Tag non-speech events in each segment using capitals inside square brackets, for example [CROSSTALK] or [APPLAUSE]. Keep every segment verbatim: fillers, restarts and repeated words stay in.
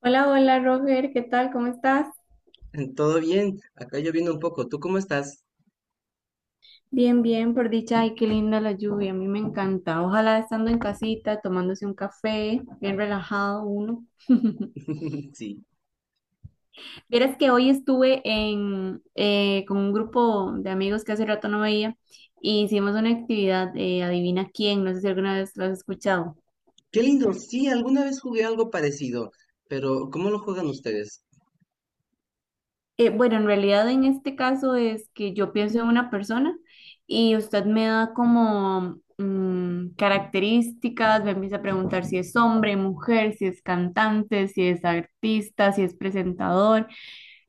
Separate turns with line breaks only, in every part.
Hola, hola Roger, ¿qué tal? ¿Cómo estás?
[LAUGHS] Todo bien, acá lloviendo un poco. ¿Tú cómo estás?
Bien, bien, por dicha. Ay, qué linda la lluvia, a mí me encanta. Ojalá estando en casita, tomándose un café, bien relajado uno. [LAUGHS]
[LAUGHS] Sí.
Vieras que hoy estuve en, eh, con un grupo de amigos que hace rato no veía y hicimos una actividad, eh, adivina quién, no sé si alguna vez lo has escuchado.
Qué lindo. Sí, alguna vez jugué algo parecido, pero ¿cómo lo juegan ustedes?
Eh, bueno, en realidad en este caso es que yo pienso en una persona y usted me da como mm, características, me empieza a preguntar si es hombre, mujer, si es cantante, si es artista, si es presentador,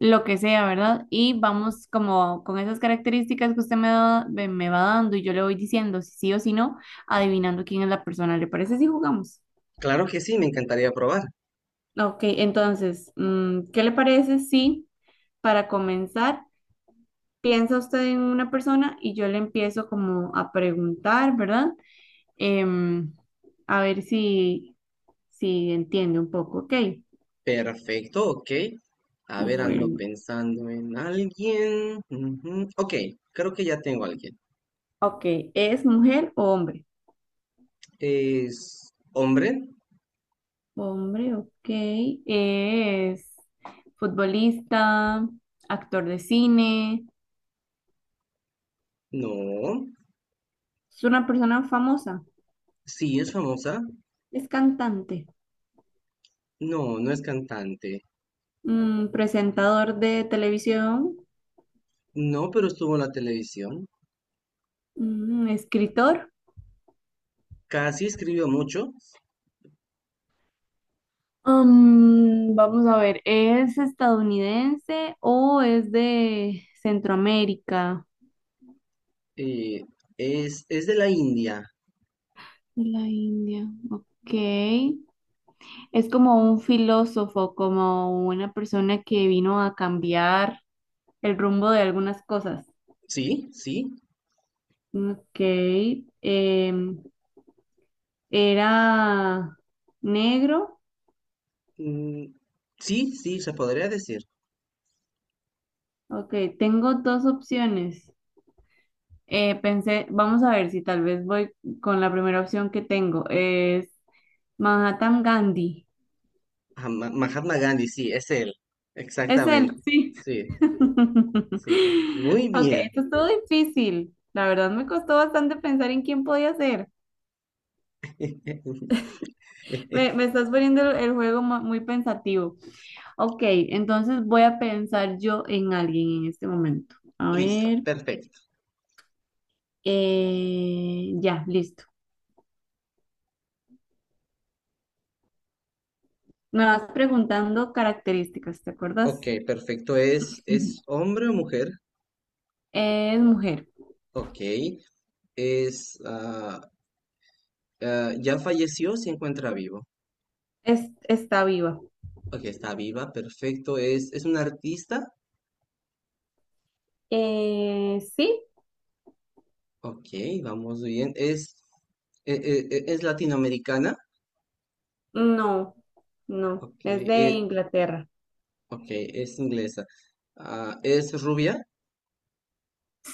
lo que sea, ¿verdad? Y vamos como con esas características que usted me da- me me va dando y yo le voy diciendo si sí o si no, adivinando quién es la persona. ¿Le parece si jugamos?
Claro que sí, me encantaría probar.
Ok, entonces, mm, ¿qué le parece si para comenzar piensa usted en una persona y yo le empiezo como a preguntar, ¿verdad? Em, a ver si, si entiende un poco, ¿ok?
Perfecto, ok. A ver, ando
Bueno,
pensando en alguien. Ujú, ok, creo que ya tengo a alguien.
ok, ¿es mujer o hombre?
¿Es hombre?
Hombre, ok, es futbolista, actor de cine,
No.
es una persona famosa,
Sí, es famosa.
es cantante,
No, no es cantante.
mm, presentador de televisión,
No, pero estuvo en la televisión.
mm, escritor.
Casi escribió mucho.
Mm, vamos a ver, ¿es estadounidense o es de Centroamérica?
Eh, es, es de la India.
De la India, ok. Es como un filósofo, como una persona que vino a cambiar el rumbo de algunas cosas.
Sí, sí.
Ok. em, Era negro.
Mm, sí, sí, se podría decir.
Ok, tengo dos opciones. Eh, pensé, vamos a ver si tal vez voy con la primera opción que tengo. Es Manhattan Gandhi.
Ah, Ma- Mahatma Gandhi, sí, es él.
Es él,
Exactamente.
sí.
Sí, sí.
[LAUGHS]
Muy
Ok,
bien.
esto estuvo difícil. La verdad me costó bastante pensar en quién podía ser.
[LAUGHS]
Me, me estás poniendo el, el juego mu- muy pensativo. Ok, entonces voy a pensar yo en alguien en este momento. A
Listo,
ver,
perfecto.
eh, ya, listo. Me vas preguntando características, ¿te
Ok,
acuerdas?
perfecto. ¿Es,
[LAUGHS]
es
Ujú.
hombre o mujer?
Es mujer,
Ok. Es, ah, ah, ¿ya falleció? ¿O se encuentra vivo?
es, está viva.
Ok, está viva, perfecto. ¿Es, es una artista?
Eh, sí,
Ok, vamos bien. ¿Es, e- e- e- es latinoamericana?
no, no,
Ok,
es de
e-
Inglaterra.
ok, es inglesa. Ah, ¿es rubia?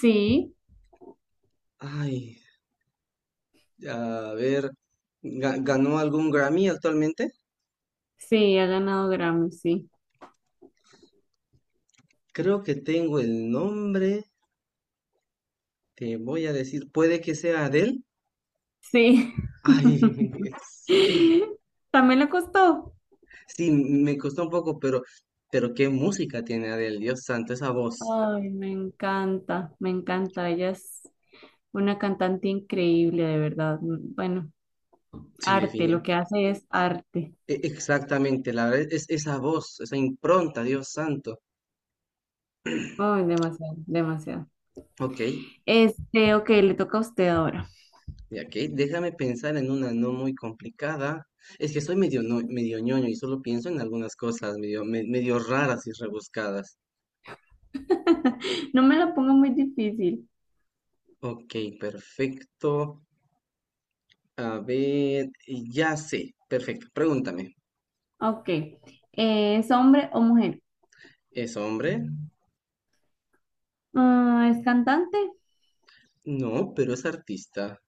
Sí.
Ay, a ver, ga- ¿ganó algún Grammy actualmente?
Sí, ha ganado Grammy, sí.
Creo que tengo el nombre, te voy a decir, puede que sea Adele.
Sí.
Ay, [LAUGHS] sí,
[LAUGHS] También le costó.
sí, me costó un poco, pero, pero qué música tiene Adele, Dios santo, esa voz.
Ay, me encanta, me encanta. Ella es una cantante increíble, de verdad. Bueno,
Sí,
arte, lo que hace es arte.
E- exactamente, la verdad es esa voz, esa impronta, Dios santo.
Ay, demasiado, demasiado.
Ok,
Este, ok, le toca a usted ahora.
y aquí déjame pensar en una no muy complicada. Es que soy medio, no- medio ñoño y solo pienso en algunas cosas medio, me- medio raras y rebuscadas.
[LAUGHS] No me la ponga muy difícil.
Ok, perfecto. A ver, ya sé, perfecto. Pregúntame,
Ok. Eh, ¿es hombre o mujer?
¿es hombre?
Ah, ¿es cantante?
No, pero es artista.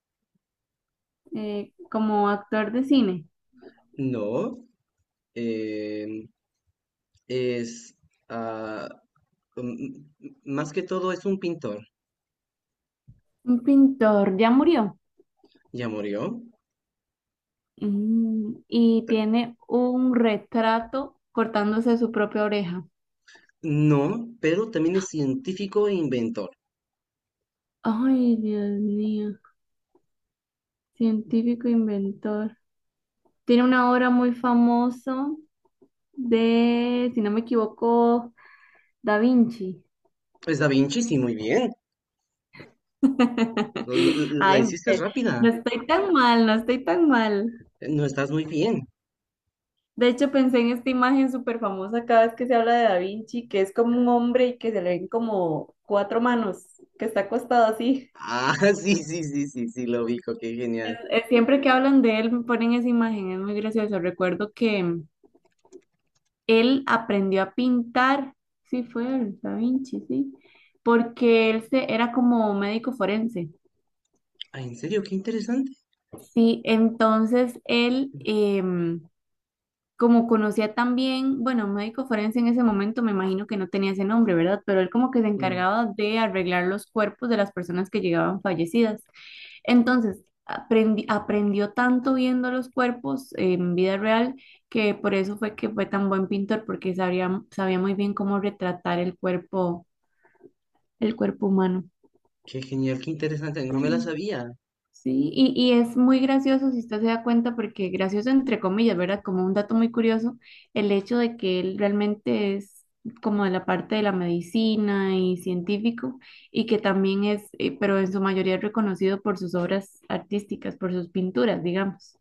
Eh, ¿como actor de cine?
No, em, es... ah, mm, mm, más que todo es un pintor.
Un pintor, ya murió.
¿Ya murió?
Mm, y tiene un retrato cortándose su propia oreja.
No, pero también es científico e inventor.
Ay, Dios mío. Científico inventor. Tiene una obra muy famosa de, si no me equivoco, Da Vinci.
Es Da Vinci, sí, muy bien.
[LAUGHS]
Lo- lo- lo- La,
Ay,
hiciste
mujer, no
rápida.
estoy tan mal, no estoy tan mal.
No estás muy bien.
De hecho, pensé en esta imagen súper famosa cada vez que se habla de Da Vinci, que es como un hombre y que se le ven como cuatro manos, que está acostado así.
Ah, [LAUGHS] sí, sí, sí, sí, sí, lo dijo qué genial.
Eh, Siempre que hablan de él me ponen esa imagen, es muy gracioso. Recuerdo que él aprendió a pintar, sí fue el Da Vinci, sí, porque él se, era como médico forense.
Ah, ¿en serio? Qué interesante.
Sí, entonces él, em, como conocía también, bueno, médico forense en ese momento me imagino que no tenía ese nombre, ¿verdad? Pero él como que se
Mm,
encargaba de arreglar los cuerpos de las personas que llegaban fallecidas. Entonces, aprendi- aprendió tanto viendo los cuerpos en vida real que por eso fue que fue tan buen pintor, porque sabía, sabía muy bien cómo retratar el cuerpo, el cuerpo humano.
qué genial, qué interesante. No me la sabía.
Sí, y, y es muy gracioso si usted se da cuenta, porque gracioso entre comillas, ¿verdad? Como un dato muy curioso, el hecho de que él realmente es como de la parte de la medicina y científico, y que también es, eh, pero en su mayoría es reconocido por sus obras artísticas, por sus pinturas, digamos.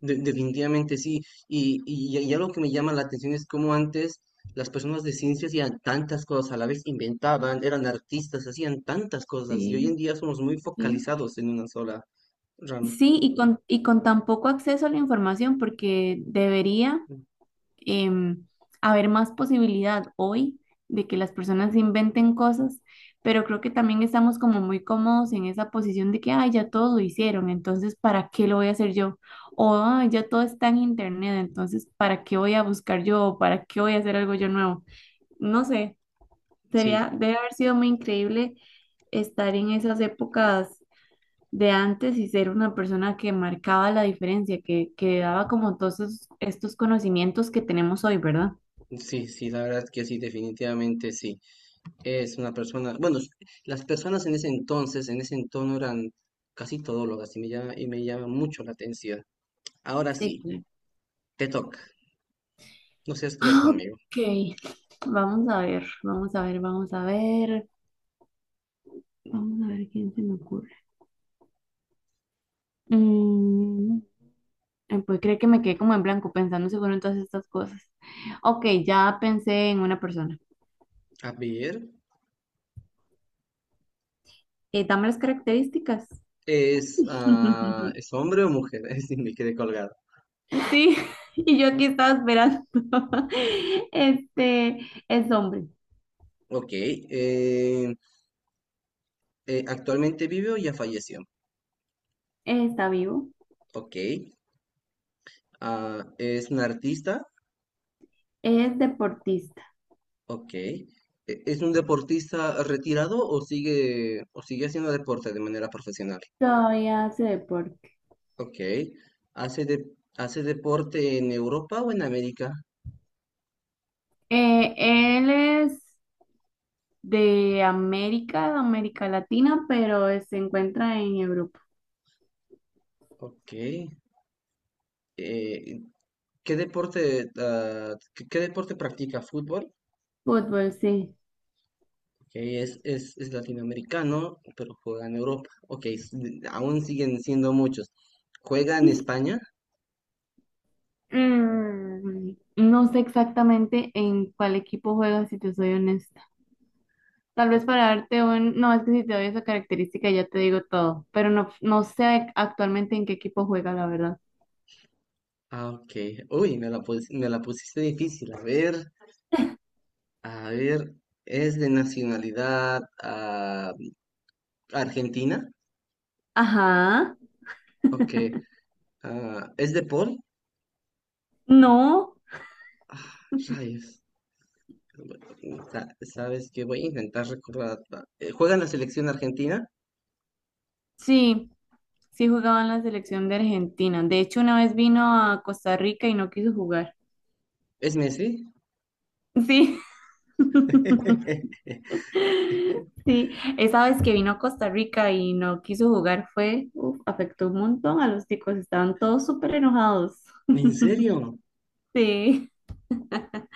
De- definitivamente sí. Y, y, y algo que me llama la atención es cómo antes las personas de ciencias hacían tantas cosas a la vez, inventaban, eran artistas, hacían tantas cosas. Y hoy en
Sí,
día somos muy
sí.
focalizados en una sola rama.
Sí, y con, y con tan poco acceso a la información, porque debería em, haber más posibilidad hoy de que las personas inventen cosas, pero creo que también estamos como muy cómodos en esa posición de que, ay, ya todos lo hicieron, entonces, ¿para qué lo voy a hacer yo? O, "Ay, ya todo está en internet, entonces, ¿para qué voy a buscar yo? ¿O ¿para qué voy a hacer algo yo nuevo? No sé, sería,
Sí,
debe haber sido muy increíble estar en esas épocas de antes y ser una persona que marcaba la diferencia, que, que daba como todos esos- estos conocimientos que tenemos hoy, ¿verdad?
sí, sí, la verdad que sí, definitivamente sí. Es una persona, bueno, s- las personas en ese entonces, en ese entorno eran casi todólogas y me llama, y me llama mucho la atención. Ahora
Sí,
sí,
claro.
te toca, no seas cruel
Ah,
conmigo.
ok, vamos a ver, vamos a ver, vamos a ver, vamos a ver quién se me ocurre. Mm, eh, pues creo que me quedé como en blanco pensando seguro en todas estas cosas. Ok, ya pensé en una persona.
A ver,
Eh, dame las características.
¿es, ah,
[LAUGHS]
¿es hombre o mujer? [LAUGHS] Sí, me quedé colgado.
Sí, y yo aquí estaba esperando. [LAUGHS] Este es hombre,
Ok, eh, eh, ¿actualmente vive o ya falleció?
está vivo,
Ok, ah, ¿es un artista?
es deportista,
Ok. ¿E- ¿Es un deportista retirado o sigue, o sigue haciendo deporte de manera profesional?
todavía hace deporte.
Ok. ¿Hace, de- ¿hace deporte en Europa o en América?
Eh, él es de América, de América Latina, pero eh, se encuentra en Europa.
Ok. Eh, ¿qué deporte, ah, ¿qué, qué deporte practica? ¿Fútbol?
Fútbol, sí.
Ok, es, es, es latinoamericano, pero juega en Europa. Ok, s- aún siguen siendo muchos. ¿Juega en España?
Mm, no sé exactamente en cuál equipo juega, si te soy honesta. Tal vez para
Ok.
darte un... No, es que si te doy esa característica ya te digo todo, pero no, no sé actualmente en qué equipo juega, la verdad.
Ah, ok. Uy, me la, pus- me la pusiste difícil. A ver. A ver, es de nacionalidad ah, argentina.
Ajá,
Ok. Ah, ¿es de Paul?
no,
Ah, rayos. Bueno, sa- ¿sabes qué? Voy a intentar recordar. ah, Eh, ¿Juega en la selección argentina?
sí, sí jugaba en la selección de Argentina. De hecho, una vez vino a Costa Rica y no quiso jugar.
¿Es Messi?
Sí. [LAUGHS]
[LAUGHS]
Sí, esa vez que vino a Costa Rica y no quiso jugar fue, uf, afectó un montón a los chicos, estaban todos súper enojados.
¿En serio?
[LAUGHS]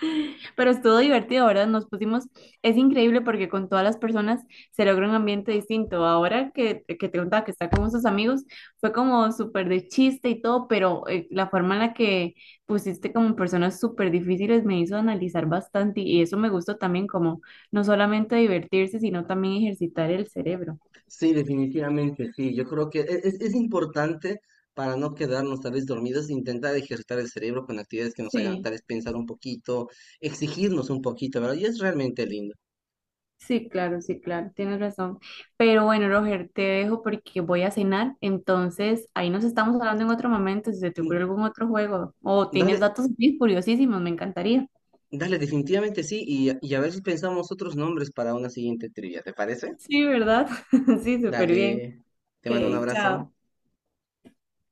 Pero estuvo divertido, ¿verdad? Nos pusimos, es increíble porque con todas las personas se logra un ambiente distinto. Ahora que, que te contaba que está con sus amigos, fue como súper de chiste y todo, pero eh, la forma en la que pusiste como personas súper difíciles me hizo analizar bastante y eso me gustó también como no solamente divertirse, sino también ejercitar el cerebro.
Sí, definitivamente, sí. Yo creo que e- es, es importante para no quedarnos tal vez dormidos, intentar ejercitar el cerebro con actividades que nos hagan
Sí.
tal vez pensar un poquito, exigirnos un poquito, ¿verdad? Y es realmente lindo.
Sí, claro, sí, claro, tienes razón. Pero bueno, Roger, te dejo porque voy a cenar. Entonces, ahí nos estamos hablando en otro momento, si se te ocurre
Mm,
algún otro juego o tienes
dale,
datos bien curiosísimos, me encantaría.
dale, definitivamente sí, y, a- y a ver si pensamos otros nombres para una siguiente trivia, ¿te parece?
Sí, ¿verdad? [LAUGHS] Sí, súper bien.
Dale, te mando un
Ok,
abrazo.
chao.